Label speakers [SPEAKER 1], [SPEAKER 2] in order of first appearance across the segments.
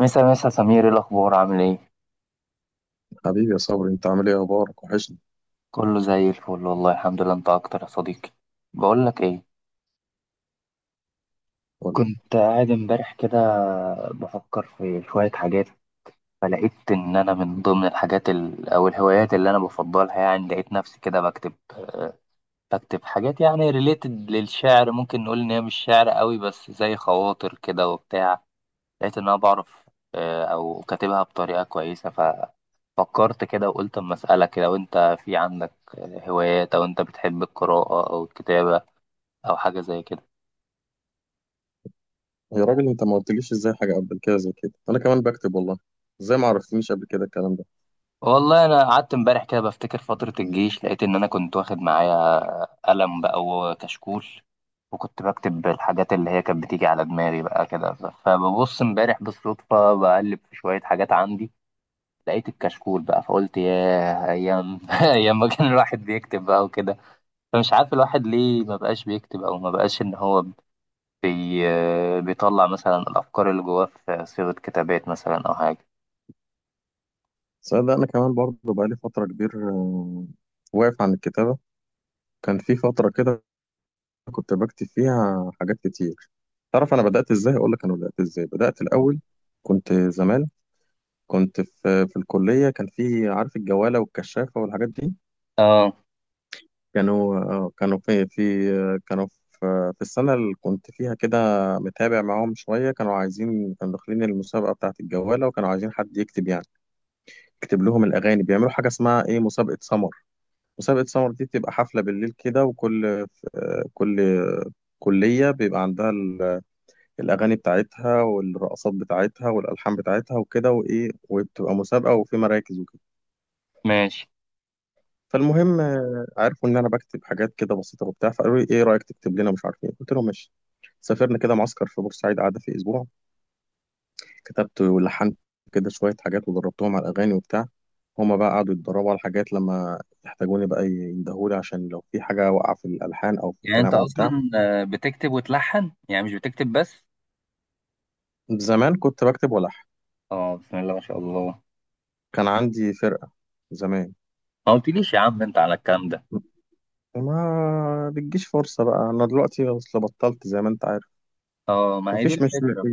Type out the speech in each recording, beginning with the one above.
[SPEAKER 1] مسا مسا سمير، ايه الاخبار؟ عامل ايه؟
[SPEAKER 2] حبيبي يا صبري، انت عامل ايه؟ اخبارك وحشني.
[SPEAKER 1] كله زي الفل والله الحمد لله. انت اكتر يا صديقي. بقول لك ايه،
[SPEAKER 2] قول لي.
[SPEAKER 1] كنت قاعد امبارح كده بفكر في شوية حاجات، فلقيت ان انا من ضمن الحاجات او الهوايات اللي انا بفضلها، يعني لقيت نفسي كده بكتب حاجات يعني ريليتد للشعر، ممكن نقول ان هي مش شعر قوي بس زي خواطر كده وبتاع. لقيت ان انا بعرف، او كاتبها بطريقة كويسة. فكرت كده وقلت اما اسالك، لو انت في عندك هوايات، او انت بتحب القراءه او الكتابه، او حاجه زي كده.
[SPEAKER 2] يا راجل، انت ما قلتليش ازاي حاجه قبل كده؟ زي كده انا كمان بكتب والله. ازاي ما عرفتنيش قبل كده الكلام ده؟
[SPEAKER 1] والله انا قعدت امبارح كده بفتكر فتره الجيش، لقيت ان انا كنت واخد معايا قلم بقى وكشكول، وكنت بكتب الحاجات اللي هي كانت بتيجي على دماغي بقى كده. فببص امبارح بالصدفه بقلب في شويه حاجات عندي، لقيت الكشكول بقى. فقلت ياه، ايام ايام ما كان الواحد بيكتب بقى وكده. فمش عارف الواحد ليه ما بقاش بيكتب، او ما بقاش ان هو بي... بيطلع مثلا الأفكار اللي جواه في صيغة كتابات مثلا أو حاجة.
[SPEAKER 2] صدق انا كمان برضه بقالي فتره كبير واقف عن الكتابه. كان في فتره كده كنت بكتب فيها حاجات كتير. تعرف انا بدات ازاي؟ اقول لك انا بدات ازاي. بدات الاول كنت زمان، كنت في الكليه، كان في عارف الجواله والكشافه والحاجات دي.
[SPEAKER 1] اه
[SPEAKER 2] كانوا كانوا في كانوا في في السنة اللي كنت فيها كده متابع معاهم شوية. كانوا عايزين، كانوا داخلين المسابقة بتاعة الجوالة، وكانوا عايزين حد يكتب، يعني يكتب لهم الأغاني. بيعملوا حاجة اسمها إيه، مسابقة سمر. مسابقة سمر دي بتبقى حفلة بالليل كده، وكل كل كلية بيبقى عندها الأغاني بتاعتها والرقصات بتاعتها والألحان بتاعتها وكده وإيه، وبتبقى مسابقة وفي مراكز وكده.
[SPEAKER 1] ماشي.
[SPEAKER 2] فالمهم عرفوا ان انا بكتب حاجات كده بسيطه وبتاع، فقالوا لي ايه رايك تكتب لنا مش عارف ايه، قلت لهم ماشي. سافرنا كده معسكر في بورسعيد، قعدة في اسبوع. كتبت ولحنت كده شويه حاجات ودربتهم على الاغاني وبتاع. هما بقى قعدوا يتدربوا على حاجات، لما يحتاجوني بقى يندهولي عشان لو في حاجه واقعه في الالحان او في
[SPEAKER 1] يعني انت
[SPEAKER 2] الكلام او بتاع.
[SPEAKER 1] اصلا، بتكتب وتلحن يعني، مش بتكتب بس؟
[SPEAKER 2] زمان كنت بكتب والحن.
[SPEAKER 1] اه بسم الله ما شاء الله.
[SPEAKER 2] كان عندي فرقه زمان.
[SPEAKER 1] ما قلتليش يا عم انت على الكلام ده.
[SPEAKER 2] ما بتجيش فرصه بقى، انا دلوقتي اصل بطلت زي ما انت عارف.
[SPEAKER 1] اه ما هي دي
[SPEAKER 2] مفيش، مش
[SPEAKER 1] الفكرة.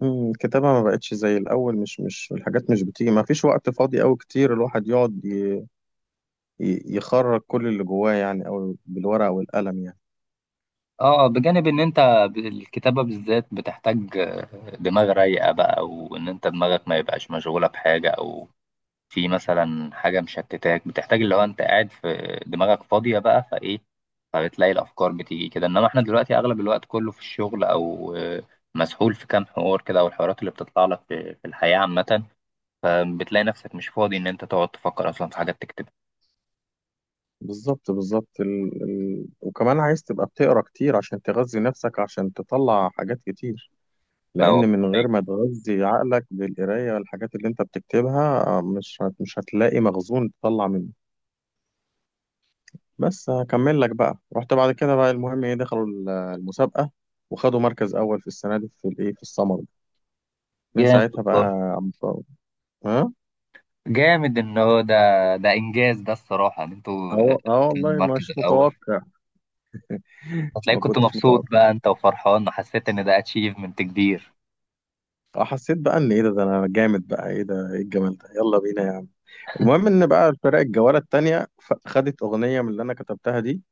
[SPEAKER 2] الكتابة ما بقتش زي الأول. مش الحاجات مش بتيجي، ما فيش وقت فاضي أوي كتير الواحد يقعد يخرج كل اللي جواه يعني، أو بالورقة والقلم يعني.
[SPEAKER 1] اه بجانب ان انت، الكتابة بالذات بتحتاج دماغ رايقة بقى، وان انت دماغك ما يبقاش مشغولة بحاجة، او في مثلا حاجة مشتتاك. بتحتاج اللي هو انت قاعد، في دماغك فاضية بقى فايه، فبتلاقي الأفكار بتيجي كده. انما احنا دلوقتي أغلب الوقت كله في الشغل، أو مسحول في كام حوار كده، أو الحوارات اللي بتطلع لك في الحياة عامة. فبتلاقي نفسك مش فاضي إن أنت تقعد تفكر أصلا في حاجات تكتبها.
[SPEAKER 2] بالظبط بالظبط، وكمان عايز تبقى بتقرا كتير عشان تغذي نفسك، عشان تطلع حاجات كتير.
[SPEAKER 1] فهو-
[SPEAKER 2] لأن من
[SPEAKER 1] طيب.
[SPEAKER 2] غير ما تغذي عقلك بالقراية والحاجات اللي أنت بتكتبها، مش هتلاقي مخزون تطلع منه. بس هكمل لك بقى. رحت بعد كده بقى المهم إيه، دخلوا المسابقة وخدوا مركز أول في السنة دي في الإيه، في السمر. من
[SPEAKER 1] جامد
[SPEAKER 2] ساعتها بقى
[SPEAKER 1] والله.
[SPEAKER 2] عم بقى- ها.
[SPEAKER 1] جامد إن هو ده، ده إنجاز ده الصراحة، إن أنتوا
[SPEAKER 2] اه اه،
[SPEAKER 1] في
[SPEAKER 2] والله
[SPEAKER 1] المركز
[SPEAKER 2] مش
[SPEAKER 1] الأول.
[SPEAKER 2] متوقع.
[SPEAKER 1] هتلاقيك
[SPEAKER 2] ما
[SPEAKER 1] كنت
[SPEAKER 2] كنتش
[SPEAKER 1] مبسوط
[SPEAKER 2] متوقع.
[SPEAKER 1] بقى أنت وفرحان، وحسيت إن ده أتشيفمنت كبير.
[SPEAKER 2] اه، حسيت بقى ان ايه ده، ده انا جامد بقى، ايه ده، ايه الجمال ده، يلا بينا يا عم. المهم ان بقى الفرق الجوله التانيه خدت اغنيه من اللي انا كتبتها دي،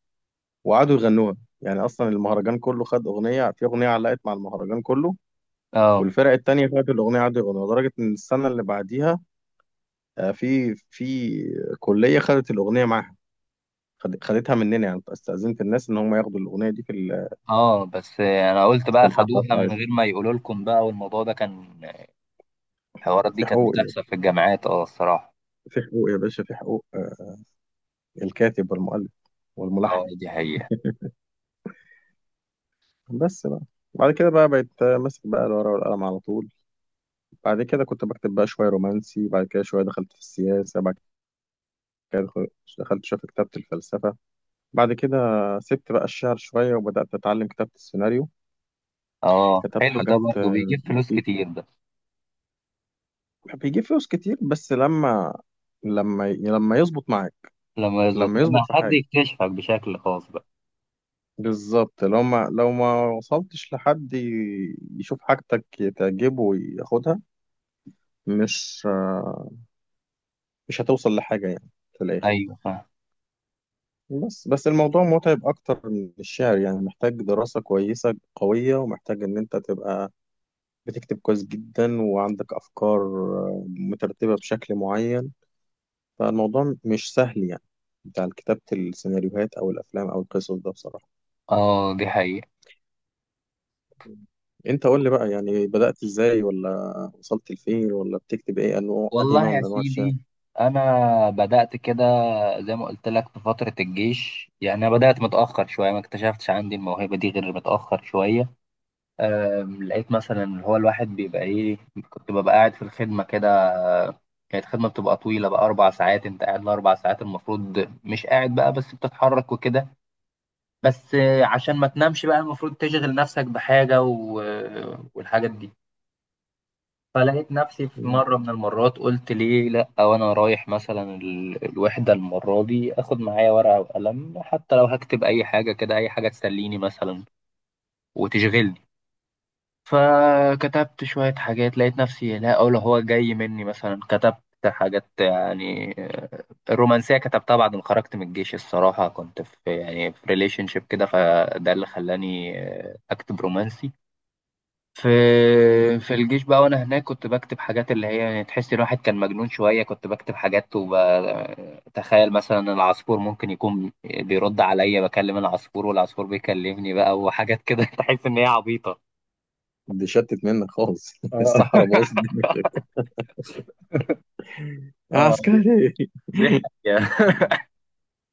[SPEAKER 2] وقعدوا يغنوها. يعني اصلا المهرجان كله خد اغنيه، في اغنيه علقت مع المهرجان كله.
[SPEAKER 1] اه
[SPEAKER 2] والفرق التانيه خدت الاغنيه قعدوا يغنوها، لدرجه ان السنه اللي بعديها في في كليه خدت الاغنيه معاها. خدتها مننا، يعني استاذنت الناس ان هم ياخدوا الاغنيه دي في
[SPEAKER 1] اه. بس انا قلت
[SPEAKER 2] في
[SPEAKER 1] بقى
[SPEAKER 2] الحفله
[SPEAKER 1] خدوها من
[SPEAKER 2] بتاعتهم.
[SPEAKER 1] غير ما يقولوا لكم بقى، والموضوع ده كان، الحوارات دي
[SPEAKER 2] في
[SPEAKER 1] كانت
[SPEAKER 2] حقوق يا باشا،
[SPEAKER 1] بتحصل في الجامعات. اه الصراحه.
[SPEAKER 2] في حقوق يا باشا، في حقوق الكاتب والمؤلف والملحن.
[SPEAKER 1] اه دي حقيقه.
[SPEAKER 2] بس بقى. بعد كده بقى بقيت ماسك بقى الورقة والقلم على طول. بعد كده كنت بكتب بقى شوية رومانسي، بعد كده شوية دخلت في السياسة، بعد كده دخلت شوية في كتابة الفلسفة. بعد كده سبت بقى الشعر شوية وبدأت أتعلم كتابة السيناريو.
[SPEAKER 1] اه
[SPEAKER 2] كتبت
[SPEAKER 1] حلو، ده
[SPEAKER 2] حاجات
[SPEAKER 1] برضه بيجيب فلوس
[SPEAKER 2] بسيطة.
[SPEAKER 1] كتير ده.
[SPEAKER 2] بيجيب فلوس كتير بس لما، لما يظبط معاك.
[SPEAKER 1] لما يظبط،
[SPEAKER 2] لما يظبط
[SPEAKER 1] لما
[SPEAKER 2] في
[SPEAKER 1] حد
[SPEAKER 2] حاجة.
[SPEAKER 1] يكتشفك بشكل خاص بقى.
[SPEAKER 2] بالظبط، لو ما وصلتش لحد يشوف حاجتك تعجبه وياخدها، مش مش هتوصل لحاجة يعني في الآخر.
[SPEAKER 1] ايوه فاهم.
[SPEAKER 2] بس الموضوع متعب أكتر من الشعر يعني، محتاج دراسة كويسة قوية، ومحتاج إن أنت تبقى بتكتب كويس جدا، وعندك أفكار مترتبة بشكل معين. فالموضوع مش سهل يعني، بتاع كتابة السيناريوهات أو الأفلام أو القصص ده بصراحة.
[SPEAKER 1] اه دي حقيقه.
[SPEAKER 2] انت قول لي بقى، يعني بدأت ازاي، ولا وصلت لفين، ولا بتكتب ايه، انه انهي
[SPEAKER 1] والله
[SPEAKER 2] نوع
[SPEAKER 1] يا
[SPEAKER 2] من انواع الشعر؟
[SPEAKER 1] سيدي، انا بدات كده زي ما قلت لك في فتره الجيش. يعني انا بدات متاخر شويه، ما اكتشفتش عندي الموهبه دي غير متاخر شويه. لقيت مثلا اللي هو الواحد بيبقى ايه، كنت ببقى قاعد في الخدمة كده. كانت خدمة بتبقى طويلة بقى، 4 ساعات. أنت قاعد ال 4 ساعات، المفروض مش قاعد بقى بس بتتحرك وكده. بس عشان ما تنامش بقى المفروض تشغل نفسك بحاجة، و... آه، والحاجات دي. فلقيت نفسي في
[SPEAKER 2] مم.
[SPEAKER 1] مرة من المرات، قلت ليه لأ، وأنا رايح مثلا الوحدة المرة دي آخد معايا ورقة وقلم، حتى لو هكتب أي حاجة كده، أي حاجة تسليني مثلا وتشغلني. فكتبت شوية حاجات، لقيت نفسي، لا أقول هو جاي مني. مثلا كتبت حاجات يعني، الرومانسية كتبتها بعد ما خرجت من الجيش الصراحة. كنت في يعني في ريليشن شيب كده، فده اللي خلاني أكتب رومانسي. في الجيش بقى، وأنا هناك كنت بكتب حاجات اللي هي يعني، تحس الواحد كان مجنون شوية. كنت بكتب حاجات وبتخيل مثلا العصفور ممكن يكون بيرد عليا، بكلم العصفور والعصفور بيكلمني بقى، وحاجات كده تحس إن هي عبيطة.
[SPEAKER 2] دي شتت منك خالص.
[SPEAKER 1] اه
[SPEAKER 2] الصحراء باظت الدنيا. يا
[SPEAKER 1] اه
[SPEAKER 2] عسكري.
[SPEAKER 1] دي حقيقة.
[SPEAKER 2] مم.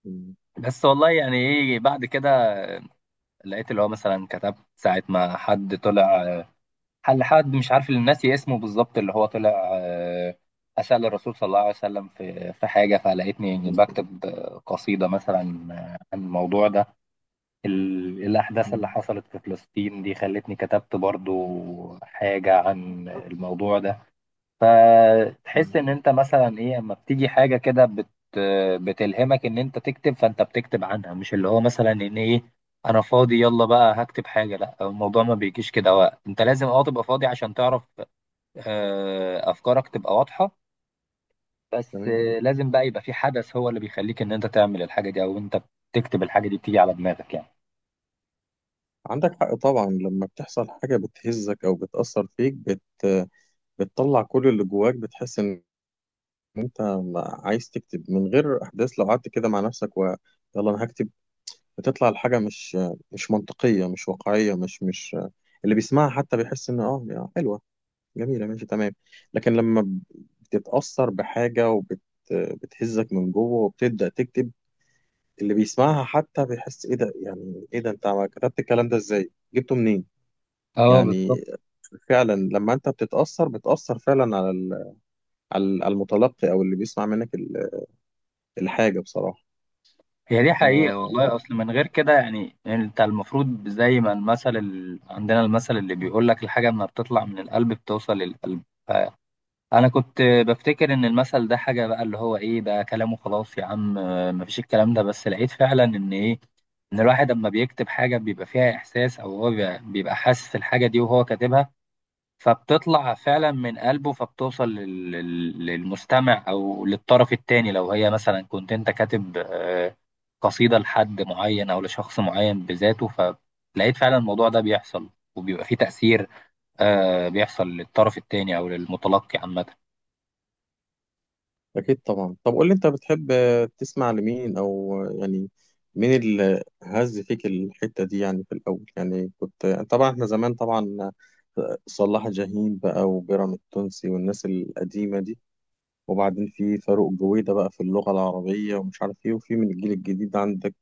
[SPEAKER 2] مم.
[SPEAKER 1] بس والله يعني ايه بعد كده، لقيت اللي هو مثلا كتبت ساعة ما حد طلع، حل حد مش عارف اللي ناسي اسمه بالظبط، اللي هو طلع أسأل الرسول صلى الله عليه وسلم في حاجة. فلقيتني بكتب قصيدة مثلا عن الموضوع ده. الأحداث اللي
[SPEAKER 2] مم.
[SPEAKER 1] حصلت في فلسطين دي خلتني كتبت برضو حاجة عن الموضوع ده. فتحس
[SPEAKER 2] مم.
[SPEAKER 1] ان انت مثلا ايه، اما بتيجي حاجه كده بتلهمك ان انت تكتب، فانت بتكتب عنها، مش اللي هو مثلا ان ايه، انا فاضي يلا بقى هكتب حاجه. لا الموضوع ما بيجيش كده وقت. انت لازم اه تبقى فاضي عشان تعرف، افكارك تبقى واضحه. بس
[SPEAKER 2] تمام.
[SPEAKER 1] لازم بقى يبقى في حدث هو اللي بيخليك ان انت تعمل الحاجه دي، او انت بتكتب الحاجه دي بتيجي على دماغك يعني.
[SPEAKER 2] عندك حق طبعا. لما بتحصل حاجة بتهزك او بتأثر فيك، بتطلع كل اللي جواك. بتحس ان انت عايز تكتب من غير احداث، لو قعدت كده مع نفسك يلا انا هكتب، بتطلع الحاجة مش مش منطقية، مش واقعية، مش اللي بيسمعها حتى بيحس إن آه يا حلوة، جميلة، ماشي تمام. لكن لما بتتأثر بحاجة وبت بتهزك من جوه وبتبدأ تكتب، اللي بيسمعها حتى بيحس إيه ده، يعني إيه ده، أنت كتبت الكلام ده إزاي؟ جبته منين؟
[SPEAKER 1] اه بالظبط.
[SPEAKER 2] يعني فعلا لما أنت بتتأثر بتأثر فعلا على ال- على ال- على المتلقي أو اللي بيسمع منك الحاجة بصراحة.
[SPEAKER 1] هي دي حقيقة
[SPEAKER 2] فلا،
[SPEAKER 1] والله. أصل من غير كده يعني، أنت المفروض زي ما المثل عندنا، المثل اللي بيقول لك الحاجة ما بتطلع من القلب بتوصل للقلب. فأنا كنت بفتكر إن المثل ده حاجة بقى اللي هو إيه ده كلامه، خلاص يا عم مفيش الكلام ده. بس لقيت فعلا إن إيه، إن الواحد لما بيكتب حاجة بيبقى فيها إحساس، أو هو بيبقى حاسس الحاجة دي وهو كاتبها. فبتطلع فعلا من قلبه، فبتوصل للمستمع او للطرف التاني. لو هي مثلا كنت انت كاتب قصيدة لحد معين او لشخص معين بذاته، فلقيت فعلا الموضوع ده بيحصل وبيبقى فيه تأثير بيحصل للطرف التاني او للمتلقي عامة.
[SPEAKER 2] أكيد طبعا. طب قول لي، أنت بتحب تسمع لمين، أو يعني مين اللي هز فيك الحتة دي يعني في الأول؟ يعني كنت طبعا، إحنا زمان طبعا صلاح جاهين بقى، وبيراميد التونسي، والناس القديمة دي، وبعدين في فاروق جويدة بقى في اللغة العربية، ومش عارف إيه، وفي من الجيل الجديد عندك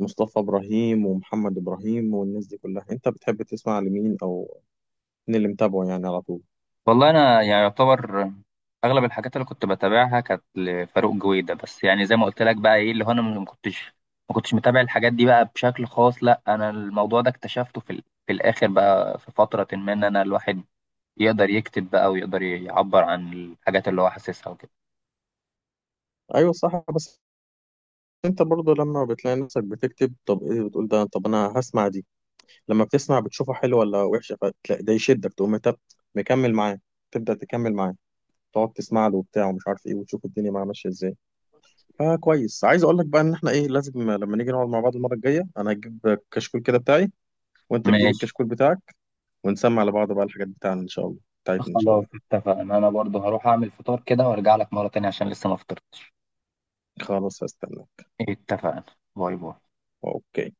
[SPEAKER 2] مصطفى إبراهيم ومحمد إبراهيم والناس دي كلها. أنت بتحب تسمع لمين، أو مين اللي متابعه يعني على طول؟
[SPEAKER 1] والله انا يعني يعتبر اغلب الحاجات اللي كنت بتابعها كانت لفاروق جويدة بس. يعني زي ما قلت لك بقى ايه اللي هو، انا ما كنتش متابع الحاجات دي بقى بشكل خاص، لا انا الموضوع ده اكتشفته في في الاخر بقى، في فترة ما ان انا الواحد يقدر يكتب بقى ويقدر يعبر عن الحاجات اللي هو حاسسها وكده.
[SPEAKER 2] أيوة صح. بس انت برضه لما بتلاقي نفسك بتكتب، طب ايه بتقول ده، طب انا هسمع دي، لما بتسمع بتشوفها حلوه ولا وحشه، فتلاقي ده يشدك تقوم انت مكمل معاه، تبدا تكمل معاه، تقعد تسمع له وبتاع ومش عارف ايه، وتشوف الدنيا معاه ماشيه ازاي. فكويس، عايز اقول لك بقى ان احنا ايه، لازم لما نيجي نقعد مع بعض المره الجايه، انا هجيب كشكول كده بتاعي، وانت تجيب
[SPEAKER 1] ماشي.
[SPEAKER 2] الكشكول بتاعك، ونسمع لبعض بقى الحاجات بتاعنا ان شاء الله، بتاعتنا ان شاء
[SPEAKER 1] خلاص
[SPEAKER 2] الله.
[SPEAKER 1] اتفقنا، انا برضه هروح اعمل فطار كده وارجع لك مرة تانية عشان لسه ما فطرتش.
[SPEAKER 2] خلاص هستناك.
[SPEAKER 1] اتفقنا. باي باي.
[SPEAKER 2] اوكي.